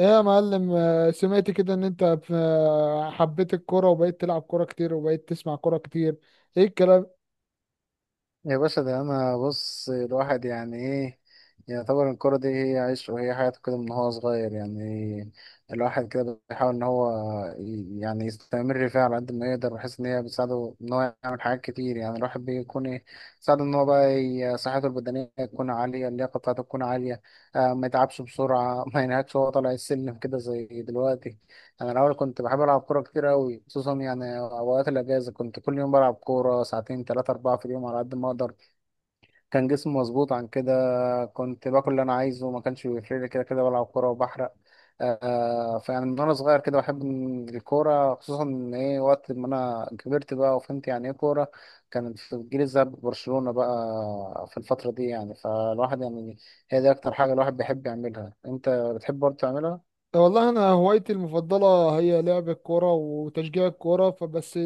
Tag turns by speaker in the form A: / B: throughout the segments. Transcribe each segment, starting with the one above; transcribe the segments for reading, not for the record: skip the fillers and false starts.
A: ايه يا معلم، سمعت كده ان انت حبيت الكوره وبقيت تلعب كوره كتير وبقيت تسمع كوره كتير. ايه الكلام؟
B: يا باشا ده انا بص الواحد يعني ايه يعتبر الكرة دي هي عيشه وهي حياته كده من هو صغير يعني. الواحد كده بيحاول ان هو يعني يستمر فيها على قد ما يقدر بحيث ان هي بتساعده ان هو يعمل حاجات كتير. يعني الواحد بيكون ايه ساعده ان هو بقى صحته البدنية تكون عالية، اللياقة بتاعته تكون عالية. ما يتعبش بسرعة ما ينهكش وهو طالع السلم كده زي دلوقتي. انا الاول كنت بحب العب كورة كتير قوي، خصوصا يعني اوقات الاجازة كنت كل يوم بلعب كورة ساعتين ثلاثة اربعة في اليوم على قد ما اقدر. كان جسمي مظبوط عن كده، كنت باكل اللي انا عايزه ما كانش بيفرق لي كده كده بلعب كوره وبحرق. آه فيعني من وانا صغير كده بحب إن الكوره، خصوصا ان ايه وقت ما انا كبرت بقى وفهمت يعني ايه كوره، كانت في الجيل الذهبي برشلونه بقى في الفتره دي. يعني فالواحد يعني هي دي اكتر حاجه الواحد بيحب يعملها، انت بتحب برضه تعملها.
A: والله انا هوايتي المفضله هي لعب الكوره وتشجيع الكوره فبس.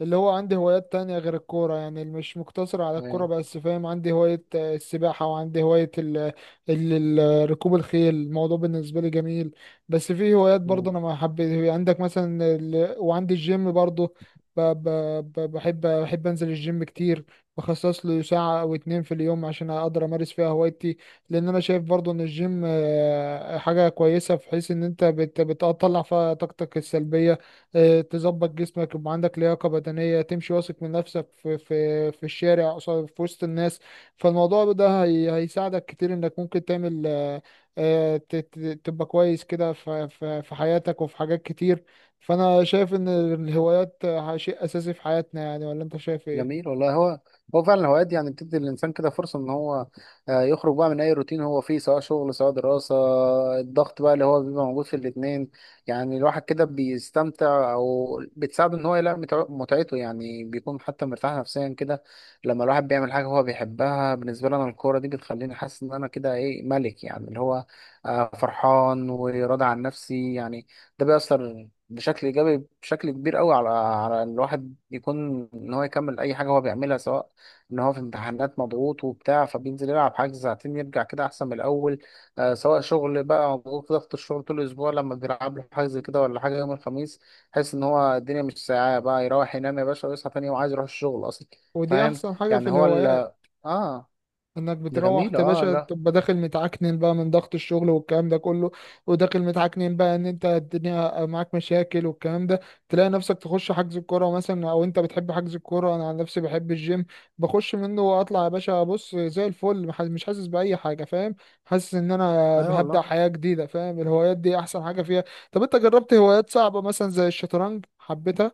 A: اللي هو عندي هوايات تانية غير الكوره، يعني مش مقتصر على الكوره بس، فاهم؟ عندي هوايه السباحه، وعندي هوايه ال- ركوب الخيل. الموضوع بالنسبه لي جميل. بس في هوايات برضه
B: إيه.
A: انا ما حبيت، عندك مثلا وعندي الجيم برضه. ب... ب... بحب انزل الجيم كتير، بخصص له ساعه او اتنين في اليوم عشان اقدر امارس فيها هوايتي. لان انا شايف برضو ان الجيم حاجه كويسه، في حيث ان انت بتطلع فيها طاقتك السلبيه، تظبط جسمك، يبقى عندك لياقه بدنيه تمشي واثق من نفسك في الشارع في وسط الناس. فالموضوع ده هي هيساعدك كتير انك ممكن تعمل تبقى كويس كده في حياتك وفي حاجات كتير. فانا شايف ان الهوايات شيء اساسي في حياتنا يعني. ولا انت شايف ايه؟
B: جميل والله. هو هو فعلا الهوايات دي يعني بتدي الإنسان كده فرصة إن هو يخرج بقى من أي روتين هو فيه، سواء شغل سواء دراسة، الضغط بقى اللي هو بيبقى موجود في الاتنين. يعني الواحد كده بيستمتع أو بتساعده إن هو يلاقي متعته، يعني بيكون حتى مرتاح نفسيا كده لما الواحد بيعمل حاجة هو بيحبها. بالنسبة لي أنا الكورة دي بتخليني حاسس إن أنا كده إيه ملك، يعني اللي هو فرحان وراضي عن نفسي يعني. ده بيأثر بشكل ايجابي بشكل كبير قوي على على الواحد، يكون ان هو يكمل اي حاجه هو بيعملها. سواء ان هو في امتحانات مضغوط وبتاع فبينزل يلعب حاجه ساعتين يرجع كده احسن من الاول. آه سواء شغل بقى مضغوط، ضغط الشغل طول الاسبوع لما بيلعب له حاجه زي كده ولا حاجه يوم الخميس، حس ان هو الدنيا مش ساعه بقى، يروح ينام يا باشا ويصحى تاني يوم عايز يروح الشغل اصلا.
A: ودي
B: فاهم؟
A: احسن حاجه في
B: يعني هو
A: الهوايات،
B: ال اه.
A: انك
B: ده
A: بتروح
B: جميل
A: يا
B: اه.
A: باشا
B: لا.
A: تبقى داخل متعكنن بقى من ضغط الشغل والكلام ده كله، وداخل متعكنن بقى ان انت الدنيا معاك مشاكل والكلام ده. تلاقي نفسك تخش حجز الكوره مثلا، او انت بتحب حجز الكوره، انا عن نفسي بحب الجيم. بخش منه واطلع يا باشا بص زي الفل، مش حاسس باي حاجه، فاهم؟ حاسس ان انا
B: اي أيوة
A: هبدأ
B: والله.
A: حياه جديده، فاهم؟ الهوايات دي احسن حاجه فيها. طب انت جربت هوايات صعبه مثلا زي الشطرنج، حبيتها؟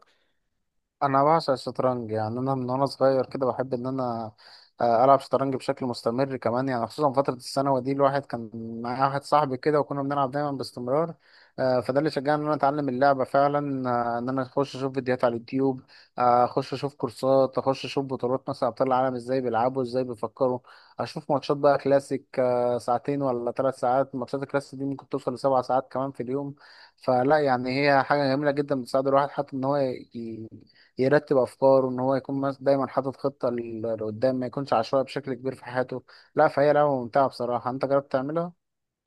B: انا بعشق الشطرنج، يعني انا من وانا صغير كده بحب ان انا العب شطرنج بشكل مستمر كمان. يعني خصوصا فتره الثانوي دي الواحد كان معايا واحد صاحبي كده وكنا بنلعب دايما باستمرار. فده اللي شجعني ان انا اتعلم اللعبه فعلا، ان انا اخش اشوف فيديوهات على اليوتيوب، اخش اشوف كورسات، اخش اشوف بطولات مثلا ابطال العالم ازاي بيلعبوا ازاي بيفكروا، اشوف ماتشات بقى كلاسيك، ساعتين ولا ثلاث ساعات، ماتشات الكلاسيك دي ممكن توصل لسبع ساعات كمان في اليوم. فلا يعني هي حاجة جميلة جدا، بتساعد الواحد حتى إن هو ي- يرتب افكاره، ان هو يكون دايما حاطط خطه لقدام، ما يكونش عشوائي بشكل كبير في حياته. لا فهي لعبه ممتعه بصراحه، انت جربت تعملها؟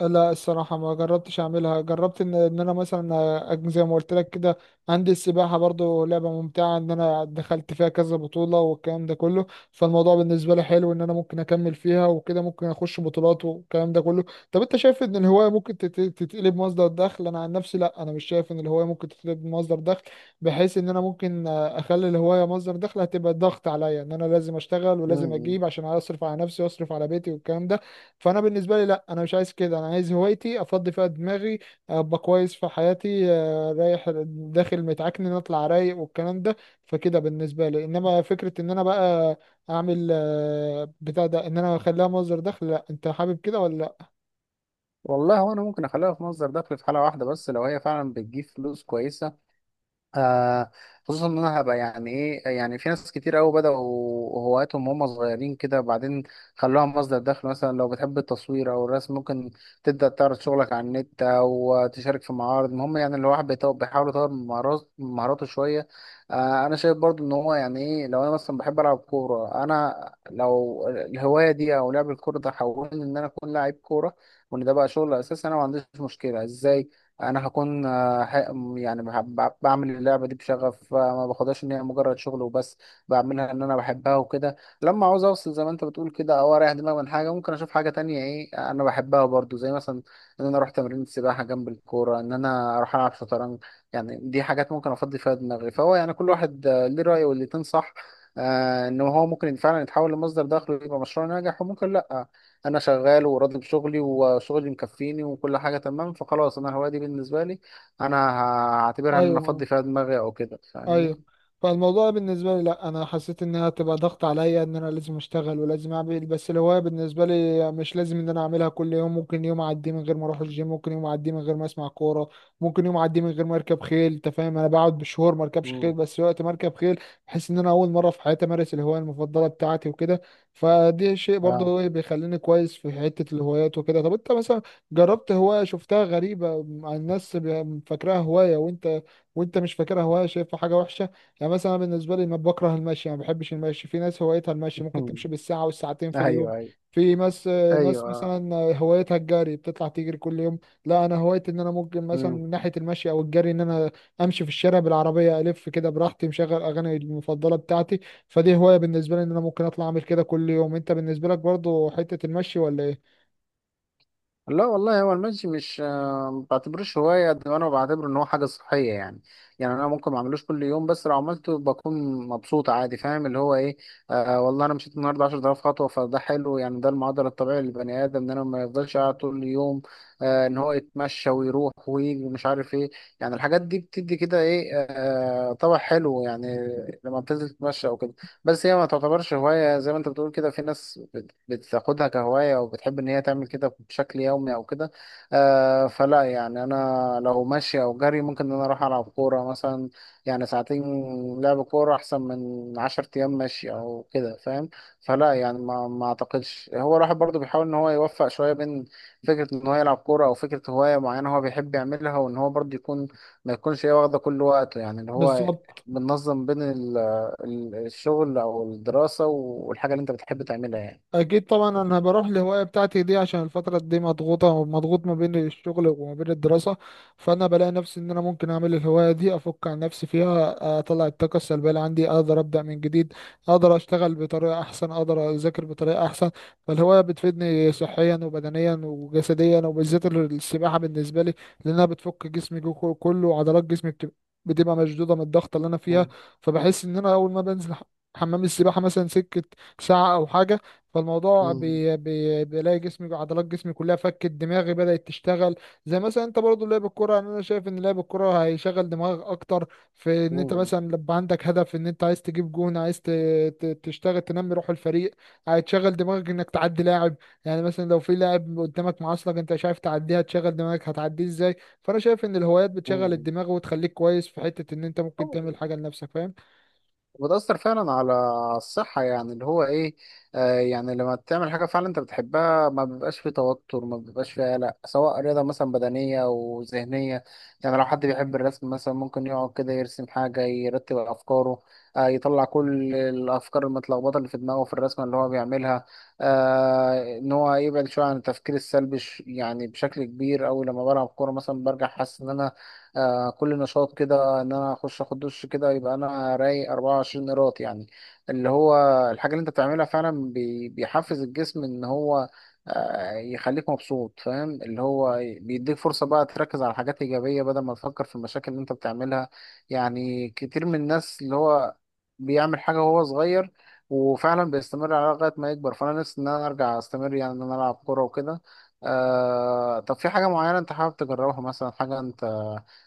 A: لا الصراحة ما جربتش أعملها. جربت إن أنا مثلا زي ما قلت لك كده، عندي السباحة برضو، لعبة ممتعة. إن أنا دخلت فيها كذا بطولة والكلام ده كله. فالموضوع بالنسبة لي حلو، إن أنا ممكن أكمل فيها وكده، ممكن أخش بطولات والكلام ده كله. طب أنت شايف إن الهواية ممكن تتقلب مصدر دخل؟ أنا عن نفسي لا، أنا مش شايف إن الهواية ممكن تتقلب مصدر دخل، بحيث إن أنا ممكن أخلي الهواية مصدر دخل، هتبقى ضغط عليا إن أنا لازم أشتغل ولازم
B: امم.
A: أجيب عشان أصرف على نفسي وأصرف على بيتي والكلام ده. فانا بالنسبه لي لا، انا مش عايز كده، انا عايز هوايتي افضي فيها دماغي، ابقى كويس في حياتي، رايح داخل متعكن اطلع رايق والكلام ده. فكده بالنسبه لي، انما فكره ان انا بقى اعمل بتاع ده، ان انا اخليها مصدر دخل، لا. انت حابب كده ولا لا؟
B: والله هو انا ممكن اخليها في مصدر دخل في حاله واحده بس، لو هي فعلا بتجيب فلوس كويسه. آه خصوصا ان انا هبقى يعني ايه، يعني في ناس كتير قوي بدأوا هواياتهم وهم صغيرين كده بعدين خلوها مصدر دخل. مثلا لو بتحب التصوير او الرسم ممكن تبدأ تعرض شغلك على النت او تشارك في معارض، المهم يعني الواحد بيحاول يطور من من مهاراته شوية. آه انا شايف برضو ان هو يعني ايه، لو انا مثلا بحب العب كورة، انا لو الهواية دي او لعب الكورة ده حولني ان انا اكون لاعب كورة، وان ده بقى شغل اساسي، انا ما عنديش مشكلة. ازاي؟ انا هكون يعني بعمل اللعبه دي بشغف، ما باخدهاش ان هي مجرد شغل وبس، بعملها ان انا بحبها وكده. لما عاوز اوصل زي ما انت بتقول كده او اريح دماغي من حاجه ممكن اشوف حاجه تانية ايه انا بحبها برضو، زي مثلا ان انا اروح تمرين السباحه جنب الكوره، ان انا اروح العب شطرنج. يعني دي حاجات ممكن افضي فيها دماغي. فهو يعني كل واحد ليه راي والاتنين صح، ان هو ممكن فعلا يتحول لمصدر دخل ويبقى مشروع ناجح، وممكن لا، انا شغال وراضي بشغلي وشغلي مكفيني وكل حاجه تمام فخلاص انا الهوايه دي بالنسبه لي انا هعتبرها ان انا
A: ايوه،
B: افضي فيها دماغي او كده.
A: ايوه.
B: فاهمني؟
A: فالموضوع بالنسبه لي لا، انا حسيت انها تبقى ضغط عليا ان انا لازم اشتغل ولازم اعمل، بس الهوايه بالنسبه لي مش لازم ان انا اعملها كل يوم. ممكن يوم اعدي من غير ما اروح الجيم، ممكن يوم اعدي من غير ما اسمع كوره، ممكن يوم اعدي من غير ما اركب خيل. انت فاهم، انا بقعد بشهور ما اركبش خيل،
B: مم.
A: بس وقت ما اركب خيل بحس ان انا اول مره في حياتي امارس الهوايه المفضله بتاعتي وكده. فدي شيء برضه
B: اه.
A: هو اللي بيخليني كويس في حته الهوايات وكده. طب انت مثلا جربت هوايه شفتها غريبه مع الناس، فاكراها هوايه وانت مش فاكرها هوايه، شايفها حاجه وحشه؟ يعني مثلا أنا بالنسبه لي ما بكره المشي، ما بحبش المشي. في ناس هوايتها المشي، ممكن تمشي بالساعه والساعتين في اليوم.
B: ايوه ايوه.
A: في ناس
B: ايوه آه.
A: مثلا هوايتها الجري، بتطلع تجري كل يوم. لا انا هوايتي ان انا ممكن مثلا
B: مم.
A: من ناحيه المشي او الجري، ان انا امشي في الشارع بالعربيه الف كده براحتي مشغل اغاني المفضله بتاعتي. فدي هوايه بالنسبه لي، ان انا ممكن اطلع اعمل كده كل يوم. انت بالنسبه لك برضو حته المشي ولا ايه؟
B: لا والله هو المشي مش ما بعتبروش هواية قد ما انا بعتبره ان هو حاجة صحية يعني. يعني انا ممكن ما اعملوش كل يوم، بس لو عملته بكون مبسوط عادي. فاهم اللي هو ايه؟ آه والله انا مشيت النهارده 10,000 خطوة، فده حلو، يعني ده المعدل الطبيعي للبني ادم ان انا ما يفضلش قاعد طول اليوم، آه ان هو يتمشى ويروح ويجي ومش عارف ايه. يعني الحاجات دي بتدي كده ايه آه طبع حلو يعني لما بتنزل تتمشى او كده. بس هي ما تعتبرش هواية، زي ما انت بتقول كده في ناس بتاخدها كهواية أو بتحب إن هي تعمل كده بشكل يومي أو كده. آه فلا يعني أنا لو ماشي أو جري ممكن إن أنا أروح ألعب كورة مثلا يعني ساعتين لعب كورة أحسن من عشر أيام ماشي أو كده. فاهم؟ فلا يعني ما أعتقدش، هو الواحد برضه بيحاول إن هو يوفق شوية بين فكرة إن هو يلعب كورة أو فكرة هواية معينة هو بيحب يعملها، وإن هو برضه يكون ما يكونش هي واخدة كل وقته، يعني اللي هو
A: بالظبط.
B: بننظم بين الشغل او الدراسة والحاجة اللي انت بتحب تعملها يعني.
A: اكيد طبعا، انا بروح الهوايه بتاعتي دي عشان الفتره دي مضغوطه، ومضغوط ما بين الشغل وما بين الدراسه. فانا بلاقي نفسي ان انا ممكن اعمل الهوايه دي، افك عن نفسي فيها، اطلع الطاقه السلبيه اللي عندي، اقدر ابدا من جديد، اقدر اشتغل بطريقه احسن، اقدر اذاكر بطريقه احسن. فالهوايه بتفيدني صحيا وبدنيا وجسديا، وبالذات السباحه بالنسبه لي لانها بتفك جسمي كله، وعضلات جسمي بتبقى مشدوده من الضغط اللي انا فيها.
B: مم.
A: فبحس ان انا اول ما بنزل حمام السباحه مثلا سكه ساعه او حاجه، فالموضوع
B: مم.
A: بي بي بلاقي جسمي، عضلات جسمي كلها فكت، دماغي بدأت تشتغل. زي مثلا انت برضو لعب الكرة، يعني انا شايف ان لعب الكرة هيشغل دماغك اكتر، في ان انت
B: مم.
A: مثلا لما عندك هدف ان انت عايز تجيب جون، عايز تشتغل، تنمي روح الفريق. هتشغل دماغك انك تعدي لاعب، يعني مثلا لو في لاعب قدامك معاصلك انت مش عارف تعديها، تشغل دماغك هتعديه ازاي. فانا شايف ان الهوايات بتشغل
B: مم.
A: الدماغ وتخليك كويس في حتة ان انت ممكن
B: هو-
A: تعمل حاجة لنفسك، فاهم؟
B: وتأثر فعلا على الصحة، يعني اللي هو إيه آه، يعني لما تعمل حاجة فعلا أنت بتحبها ما بيبقاش فيه توتر ما بيبقاش فيه قلق، سواء رياضة مثلا بدنية أو ذهنية. يعني لو حد بيحب الرسم مثلا ممكن يقعد كده يرسم حاجة يرتب أفكاره، آه يطلع كل الأفكار المتلخبطة اللي في دماغه في الرسمة اللي هو بيعملها، آه إن هو يبعد شوية عن التفكير السلبي. يعني بشكل كبير أوي لما بلعب كورة مثلا برجع حاسس إن أنا كل نشاط، كده ان انا اخش اخد دش كده يبقى انا رايق 24 قيراط يعني. اللي هو الحاجه اللي انت بتعملها فعلا بيحفز الجسم ان هو يخليك مبسوط. فاهم اللي هو بيديك فرصه بقى تركز على حاجات ايجابيه بدل ما تفكر في المشاكل اللي انت بتعملها. يعني كتير من الناس اللي هو بيعمل حاجه وهو صغير وفعلا بيستمر عليها لغايه ما يكبر، فانا نفسي ان انا ارجع استمر يعني ان انا العب كوره وكده. آه طب في حاجه معينه انت حابب تجربها، مثلا حاجه انت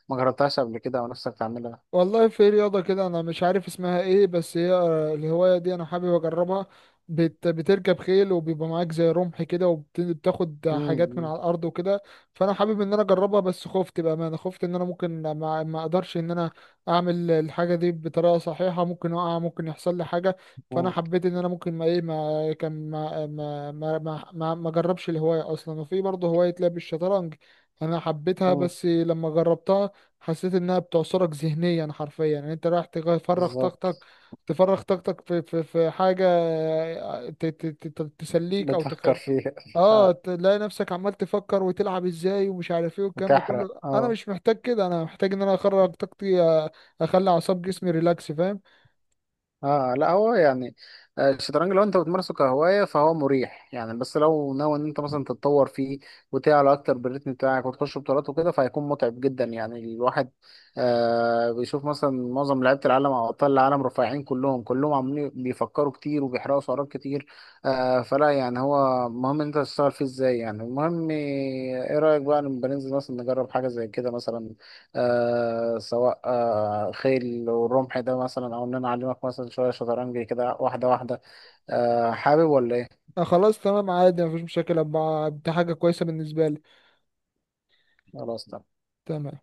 B: ما جربتهاش قبل كده ونفسك تعملها؟
A: والله، في رياضة كده أنا مش عارف اسمها إيه، بس هي الهواية دي أنا حابب أجربها. بتركب خيل وبيبقى معاك زي رمح كده وبتاخد حاجات من
B: امم.
A: على الأرض وكده. فأنا حابب إن أنا أجربها، بس خفت بأمانة. خفت إن أنا ممكن ما أقدرش إن أنا أعمل الحاجة دي بطريقة صحيحة، ممكن أقع، ممكن يحصل لي حاجة. فأنا حبيت إن أنا ممكن ما إيه ما كان ما ما ما ما, ما أجربش الهواية أصلا. وفي برضه هواية لعب الشطرنج. أنا حبيتها،
B: امم.
A: بس لما جربتها حسيت انها بتعصرك ذهنيا حرفيا. يعني انت رايح تفرغ
B: بالظبط.
A: طاقتك، في حاجه، تسليك او
B: بتفكر فيها.
A: اه،
B: اه.
A: تلاقي نفسك عمال تفكر وتلعب ازاي ومش عارف ايه والكلام ده
B: وتحرق
A: كله. انا
B: اه.
A: مش محتاج كده، انا محتاج ان انا اخرج طاقتي، اخلي اعصاب جسمي ريلاكس، فاهم؟
B: اه لا هو يعني الشطرنج لو انت بتمارسه كهواية فهو مريح يعني، بس لو ناوي ان انت مثلا تتطور فيه وتعلى اكتر بالريتم بتاعك وتخش بطولات وكده فهيكون متعب جدا يعني. الواحد آه بيشوف مثلا معظم لعيبة العالم او ابطال العالم رفيعين كلهم، كلهم عاملين بيفكروا كتير وبيحرقوا سعرات كتير. آه فلا يعني هو مهم ان انت تشتغل فيه ازاي، يعني المهم ايه رأيك بقى لما بننزل مثلا نجرب حاجة زي كده مثلا، آه سواء آه خيل والرمح ده مثلا او ان انا اعلمك مثلا شويه شطرنج كده واحده واحده. آه حابب ولا ايه؟
A: آه، خلاص تمام عادي مفيش مشاكل. دي حاجه كويسه بالنسبه لي.
B: خلاص.
A: تمام.